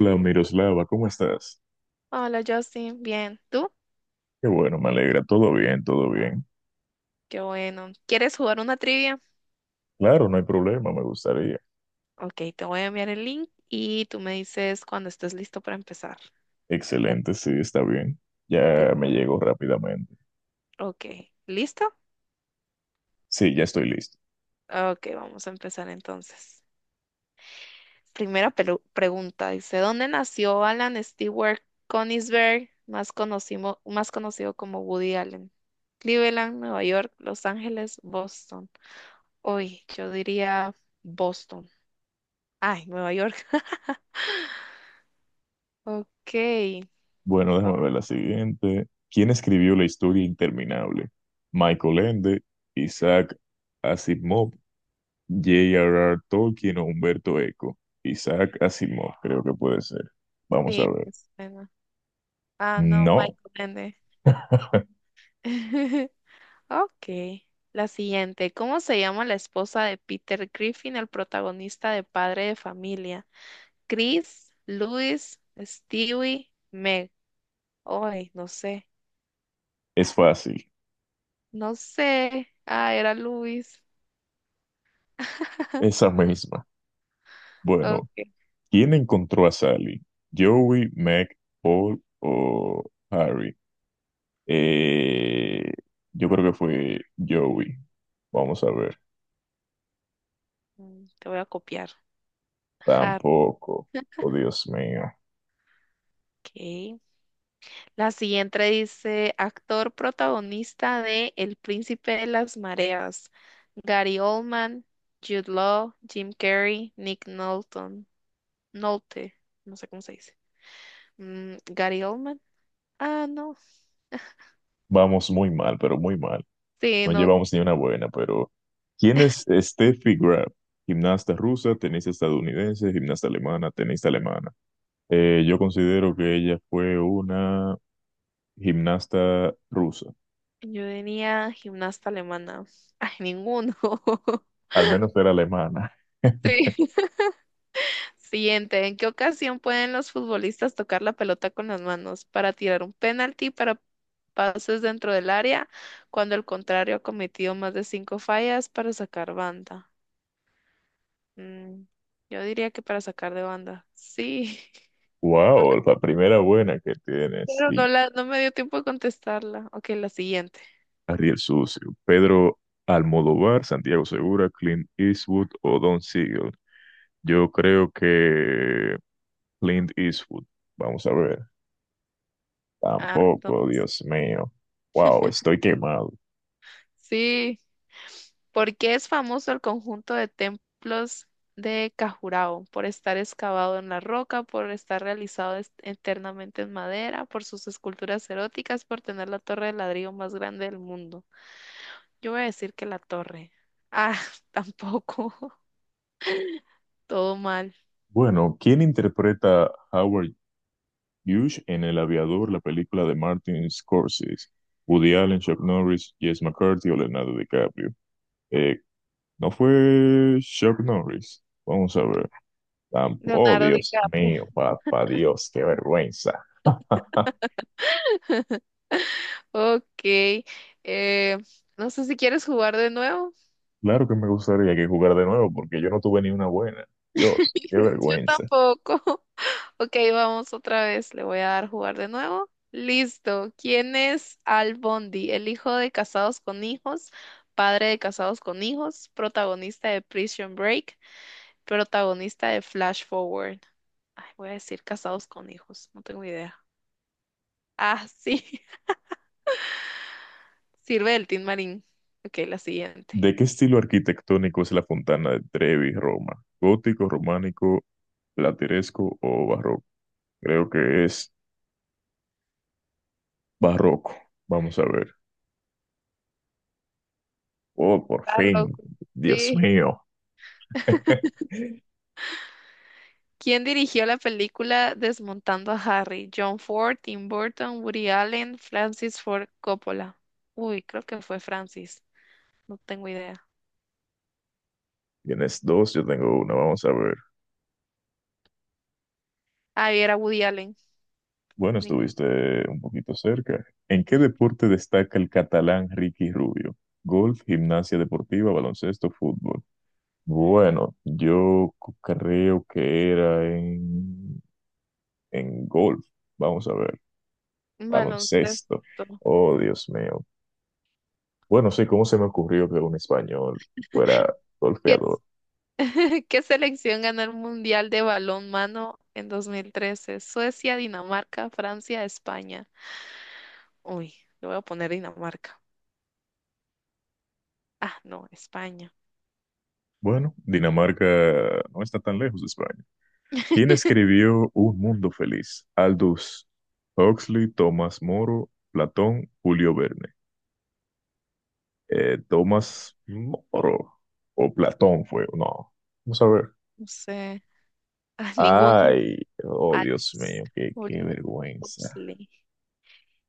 Hola, Miroslava, ¿cómo estás? Hola Justin, bien. ¿Tú? Qué bueno, me alegra. Todo bien, todo bien. Qué bueno. ¿Quieres jugar una trivia? Claro, no hay problema, me gustaría. Ok, te voy a enviar el link y tú me dices cuando estés listo para empezar. Ya Excelente, sí, está bien. te- Ya me llegó rápidamente. Ok, ¿listo? Sí, ya estoy listo. Ok, vamos a empezar entonces. Primera pregunta, dice, ¿dónde nació Alan Stewart Konisberg, más conocido como Woody Allen? Cleveland, Nueva York, Los Ángeles, Boston. Uy, yo diría Boston. Ay, Nueva York. Bueno, Ok. déjame ver la siguiente. ¿Quién escribió la historia interminable? Michael Ende, Isaac Asimov, J.R.R. Tolkien o Humberto Eco. Isaac Asimov, creo que puede ser. Vamos a Sí, ver. pues bueno. Ah, no, No, Michael Ende. Ok. La siguiente. ¿Cómo se llama la esposa de Peter Griffin, el protagonista de Padre de Familia? Chris, Luis, Stewie, Meg. Ay, no sé. es fácil. No sé. Ah, era Luis. Esa misma. Bueno, Ok. ¿quién encontró a Sally? ¿Joey, Meg, Paul o Harry? Eh, yo creo que fue Joey. Vamos a ver. Te voy a copiar. Har- Tampoco. Oh, Dios mío. Ok. La siguiente dice, actor protagonista de El Príncipe de las Mareas, Gary Oldman, Jude Law, Jim Carrey, Nick Nolte, Nolte, no sé cómo se dice. Gary Oldman. Ah, no. Vamos muy mal, pero muy mal. Sí, No no. llevamos ni una buena, pero ¿quién es Steffi Graf? Gimnasta rusa, tenista estadounidense, gimnasta alemana, tenista alemana. Yo considero que ella fue una gimnasta rusa. Yo tenía gimnasta alemana. Ay, ninguno. Al menos era alemana. Sí. Siguiente, ¿en qué ocasión pueden los futbolistas tocar la pelota con las manos para tirar un penalti, para pases dentro del área, cuando el contrario ha cometido más de cinco fallas para sacar banda? Mm, yo diría que para sacar de banda. Sí, Wow, la primera buena que tienes. pero no Sí, la, no me dio tiempo de contestarla. Ok, la siguiente. Ariel Sucio, Pedro Almodóvar, Santiago Segura, Clint Eastwood o Don Siegel. Yo creo que Clint Eastwood. Vamos a ver. Ah, no. Tampoco, Dios mío. Wow, estoy quemado. Sí. ¿Por qué es famoso el conjunto de templos de Cajurao? Por estar excavado en la roca, por estar realizado eternamente en madera, por sus esculturas eróticas, por tener la torre de ladrillo más grande del mundo. Yo voy a decir que la torre. Ah, tampoco. Todo mal. Bueno, ¿quién interpreta a Howard Hughes en El Aviador, la película de Martin Scorsese? Woody Allen, Chuck Norris, Jess McCarthy o Leonardo DiCaprio. Eh, ¿No fue Chuck Norris? Vamos a ver. Oh, Leonardo Dios DiCaprio. mío, papá Dios, qué vergüenza. Ok. eh, no sé si quieres jugar de nuevo. Claro que me gustaría que jugara de nuevo porque yo no tuve ni una buena. Dios, qué Yo vergüenza. tampoco. Ok, vamos otra vez. Le voy a dar jugar de nuevo. Listo. ¿Quién es Al Bundy? El hijo de Casados con Hijos, padre de Casados con Hijos, protagonista de Prison Break, protagonista de Flash Forward. Ay, voy a decir Casados con Hijos, no tengo idea. Ah, sí. Sirve del Tin Marín. Ok, la siguiente. ¿De qué estilo arquitectónico es la Fontana de Trevi, Roma? ¿Gótico, románico, plateresco o barroco? Creo que es barroco. Vamos a ver. Oh, por Está fin. rojo. Dios Sí. mío. ¿Quién dirigió la película Desmontando a Harry? John Ford, Tim Burton, Woody Allen, Francis Ford Coppola. Uy, creo que fue Francis. No tengo idea. Tienes dos, yo tengo una. Vamos a ver. Ah, y era Woody Allen. Bueno, Ni- estuviste un poquito cerca. ¿En qué deporte destaca el catalán Ricky Rubio? Golf, gimnasia deportiva, baloncesto, fútbol. Bueno, creo que era en golf. Vamos a ver, baloncesto. Baloncesto. Oh, Dios mío. Bueno, sí, ¿cómo se me ocurrió que un español fuera ¿Qué, es- golfeador? ¿Qué selección ganó el Mundial de Balonmano en 2013? Suecia, Dinamarca, Francia, España. Uy, le voy a poner Dinamarca. Ah, no, España. Bueno, Dinamarca no está tan lejos de España. ¿Quién escribió Un Mundo Feliz? Aldous Huxley, Tomás Moro, Platón, Julio Verne. Tomás Moro o Platón fue, no. Vamos a ver. No sé. Ah, ninguno. Ay, oh Dios Alex mío, qué Ol- vergüenza. Oxley.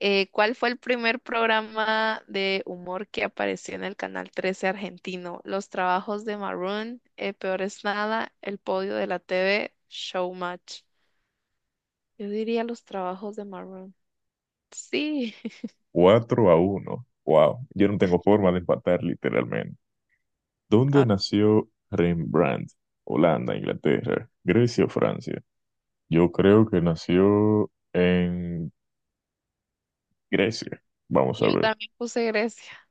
¿Cuál fue el primer programa de humor que apareció en el canal 13 argentino? Los trabajos de Maroon, Peor es nada, El podio de la TV, Showmatch. Yo diría los trabajos de Maroon. Sí, Cuatro a uno. Wow, yo no tengo forma de empatar literalmente. ¿Dónde A ver, nació Rembrandt? Holanda, Inglaterra, Grecia o Francia. Yo creo que nació en Grecia. Vamos yo a ver. también puse Grecia.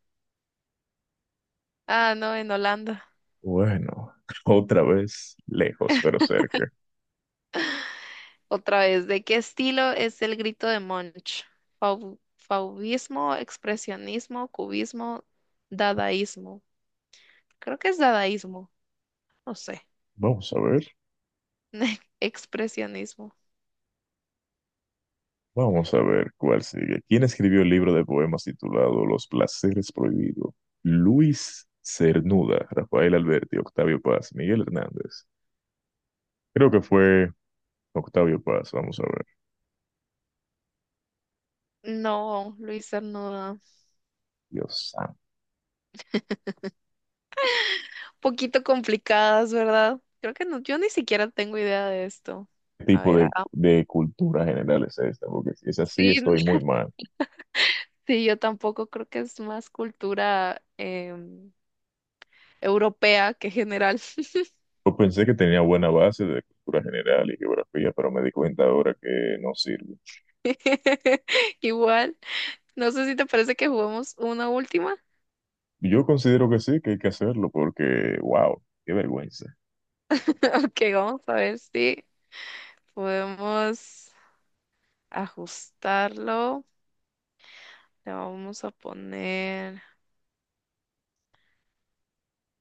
Ah, no, en Holanda. Bueno, otra vez, lejos pero cerca. Otra vez, ¿de qué estilo es el grito de Munch? Fauvismo, expresionismo, cubismo, dadaísmo. Creo que es dadaísmo, no sé. Vamos a ver, Expresionismo. vamos a ver cuál sigue. ¿Quién escribió el libro de poemas titulado Los placeres prohibidos? Luis Cernuda, Rafael Alberti, Octavio Paz, Miguel Hernández. Creo que fue Octavio Paz, vamos a ver. No, Luisa, no. Da. Dios santo. Poquito complicadas, ¿verdad? Creo que no, yo ni siquiera tengo idea de esto. ¿Qué A tipo ver, ah, de cultura general es esta? Porque si es así, sí, estoy muy mal. sí, yo tampoco creo que es más cultura em, europea que general. Yo pensé que tenía buena base de cultura general y geografía, pero me di cuenta ahora que no sirve. Igual, no sé si te parece que juguemos una última. Yo considero que sí, que hay que hacerlo, porque, wow, qué vergüenza Ok, vamos a ver si podemos ajustarlo. Le vamos a poner,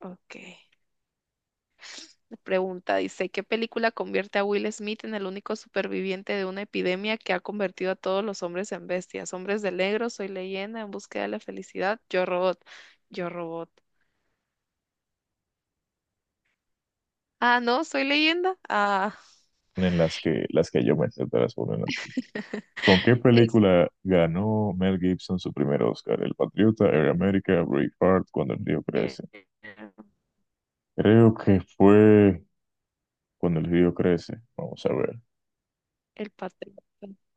ok. Pregunta, dice, ¿qué película convierte a Will Smith en el único superviviente de una epidemia que ha convertido a todos los hombres en bestias? Hombres de negro, Soy leyenda, En búsqueda de la felicidad, Yo Robot, Yo Robot. Ah, no, Soy leyenda. Ah, en las que yo me sé transformar en ti. ¿Con qué es película ganó Mel Gibson su primer Oscar? El Patriota, Air America, Braveheart, Cuando el río eh, crece. Creo que fue Cuando el río crece. Vamos a ver. El Patriota.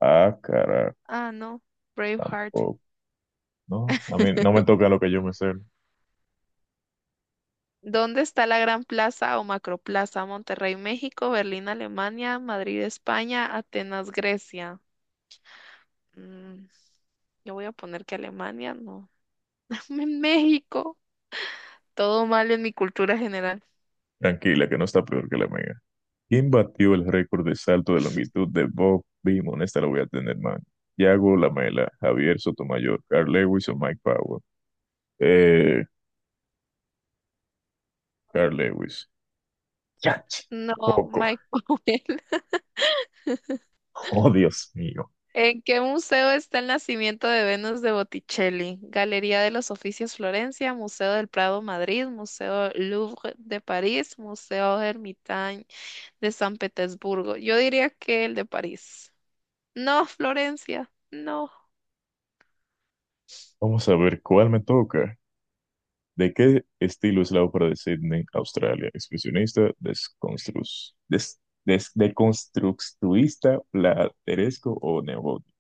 Ah, cara, Ah, no, Braveheart. tampoco. No, a mí no me toca lo que yo me sé. ¿Dónde está la Gran Plaza o Macroplaza? Monterrey, México, Berlín, Alemania, Madrid, España, Atenas, Grecia. Mm, yo voy a poner que Alemania, no. En México. Todo mal en mi cultura general. Tranquila, que no está peor que la mía. ¿Quién batió el récord de salto de longitud de Bob Beamon? Esta la voy a tener, man. Yago Lamela, Javier Sotomayor, Carl Lewis o Mike Power. Eh, Carl Lewis. Ya, No, poco. Michael. Oh, Dios mío. ¿En qué museo está el nacimiento de Venus de Botticelli? Galería de los Oficios Florencia, Museo del Prado Madrid, Museo Louvre de París, Museo Hermitage de San Petersburgo. Yo diría que el de París. No, Florencia, no. Vamos a ver cuál me toca. ¿De qué estilo es la ópera de Sydney, Australia? Expresionista, deconstructuista, plateresco o neogótico.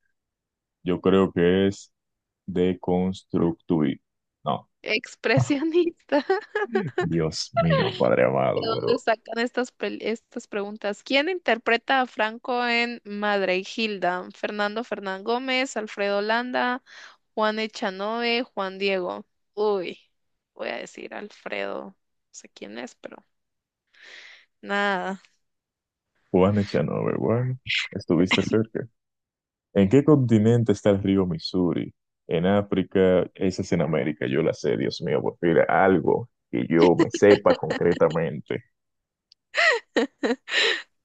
Yo creo que es deconstructuista. No. Expresionista. Dios mío, Padre ¿De amado, dónde pero sacan estas, estas preguntas? ¿Quién interpreta a Franco en Madre y Hilda? Fernando Fernán Gómez, Alfredo Landa, Juan Echanove, Juan Diego. Uy, voy a decir Alfredo. No sé quién es, pero nada. Juan Echanove, bueno, estuviste cerca. ¿En qué continente está el río Missouri? En África, esa es en América, yo la sé, Dios mío, por fin, algo que yo me sepa concretamente.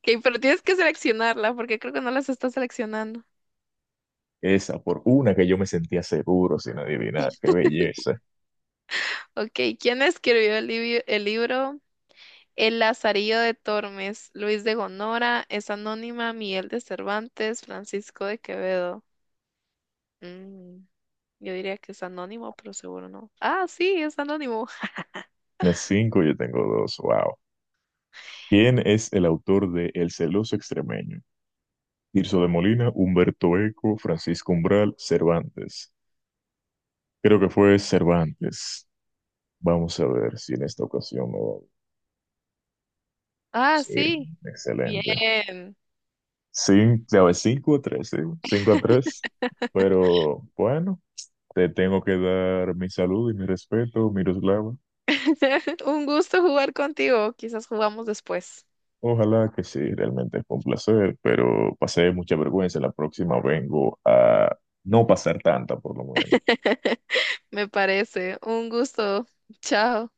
Ok, pero tienes que seleccionarla porque creo que no las estás seleccionando. Esa, por una que yo me sentía seguro sin adivinar, qué belleza. Ok, ¿quién escribió el, el libro El Lazarillo de Tormes? Luis de Gonora, es anónima, Miguel de Cervantes, Francisco de Quevedo. Mm. Yo diría que es anónimo, pero seguro no. Ah, sí, es anónimo. Tienes cinco, yo tengo dos, wow. ¿Quién es el autor de El celoso extremeño? Tirso de Molina, Humberto Eco, Francisco Umbral, Cervantes. Creo que fue Cervantes. Vamos a ver si en esta ocasión me va. Ah, Sí, sí. excelente. Bien. Ya ves, cinco a tres, sí, cinco a tres. Pero bueno, te tengo que dar mi salud y mi respeto, Miroslava. Un gusto jugar contigo. Quizás jugamos después. Ojalá que sí, realmente fue un placer, pero pasé mucha vergüenza. La próxima vengo a no pasar tanta, por lo menos. Me parece. Un gusto. Chao.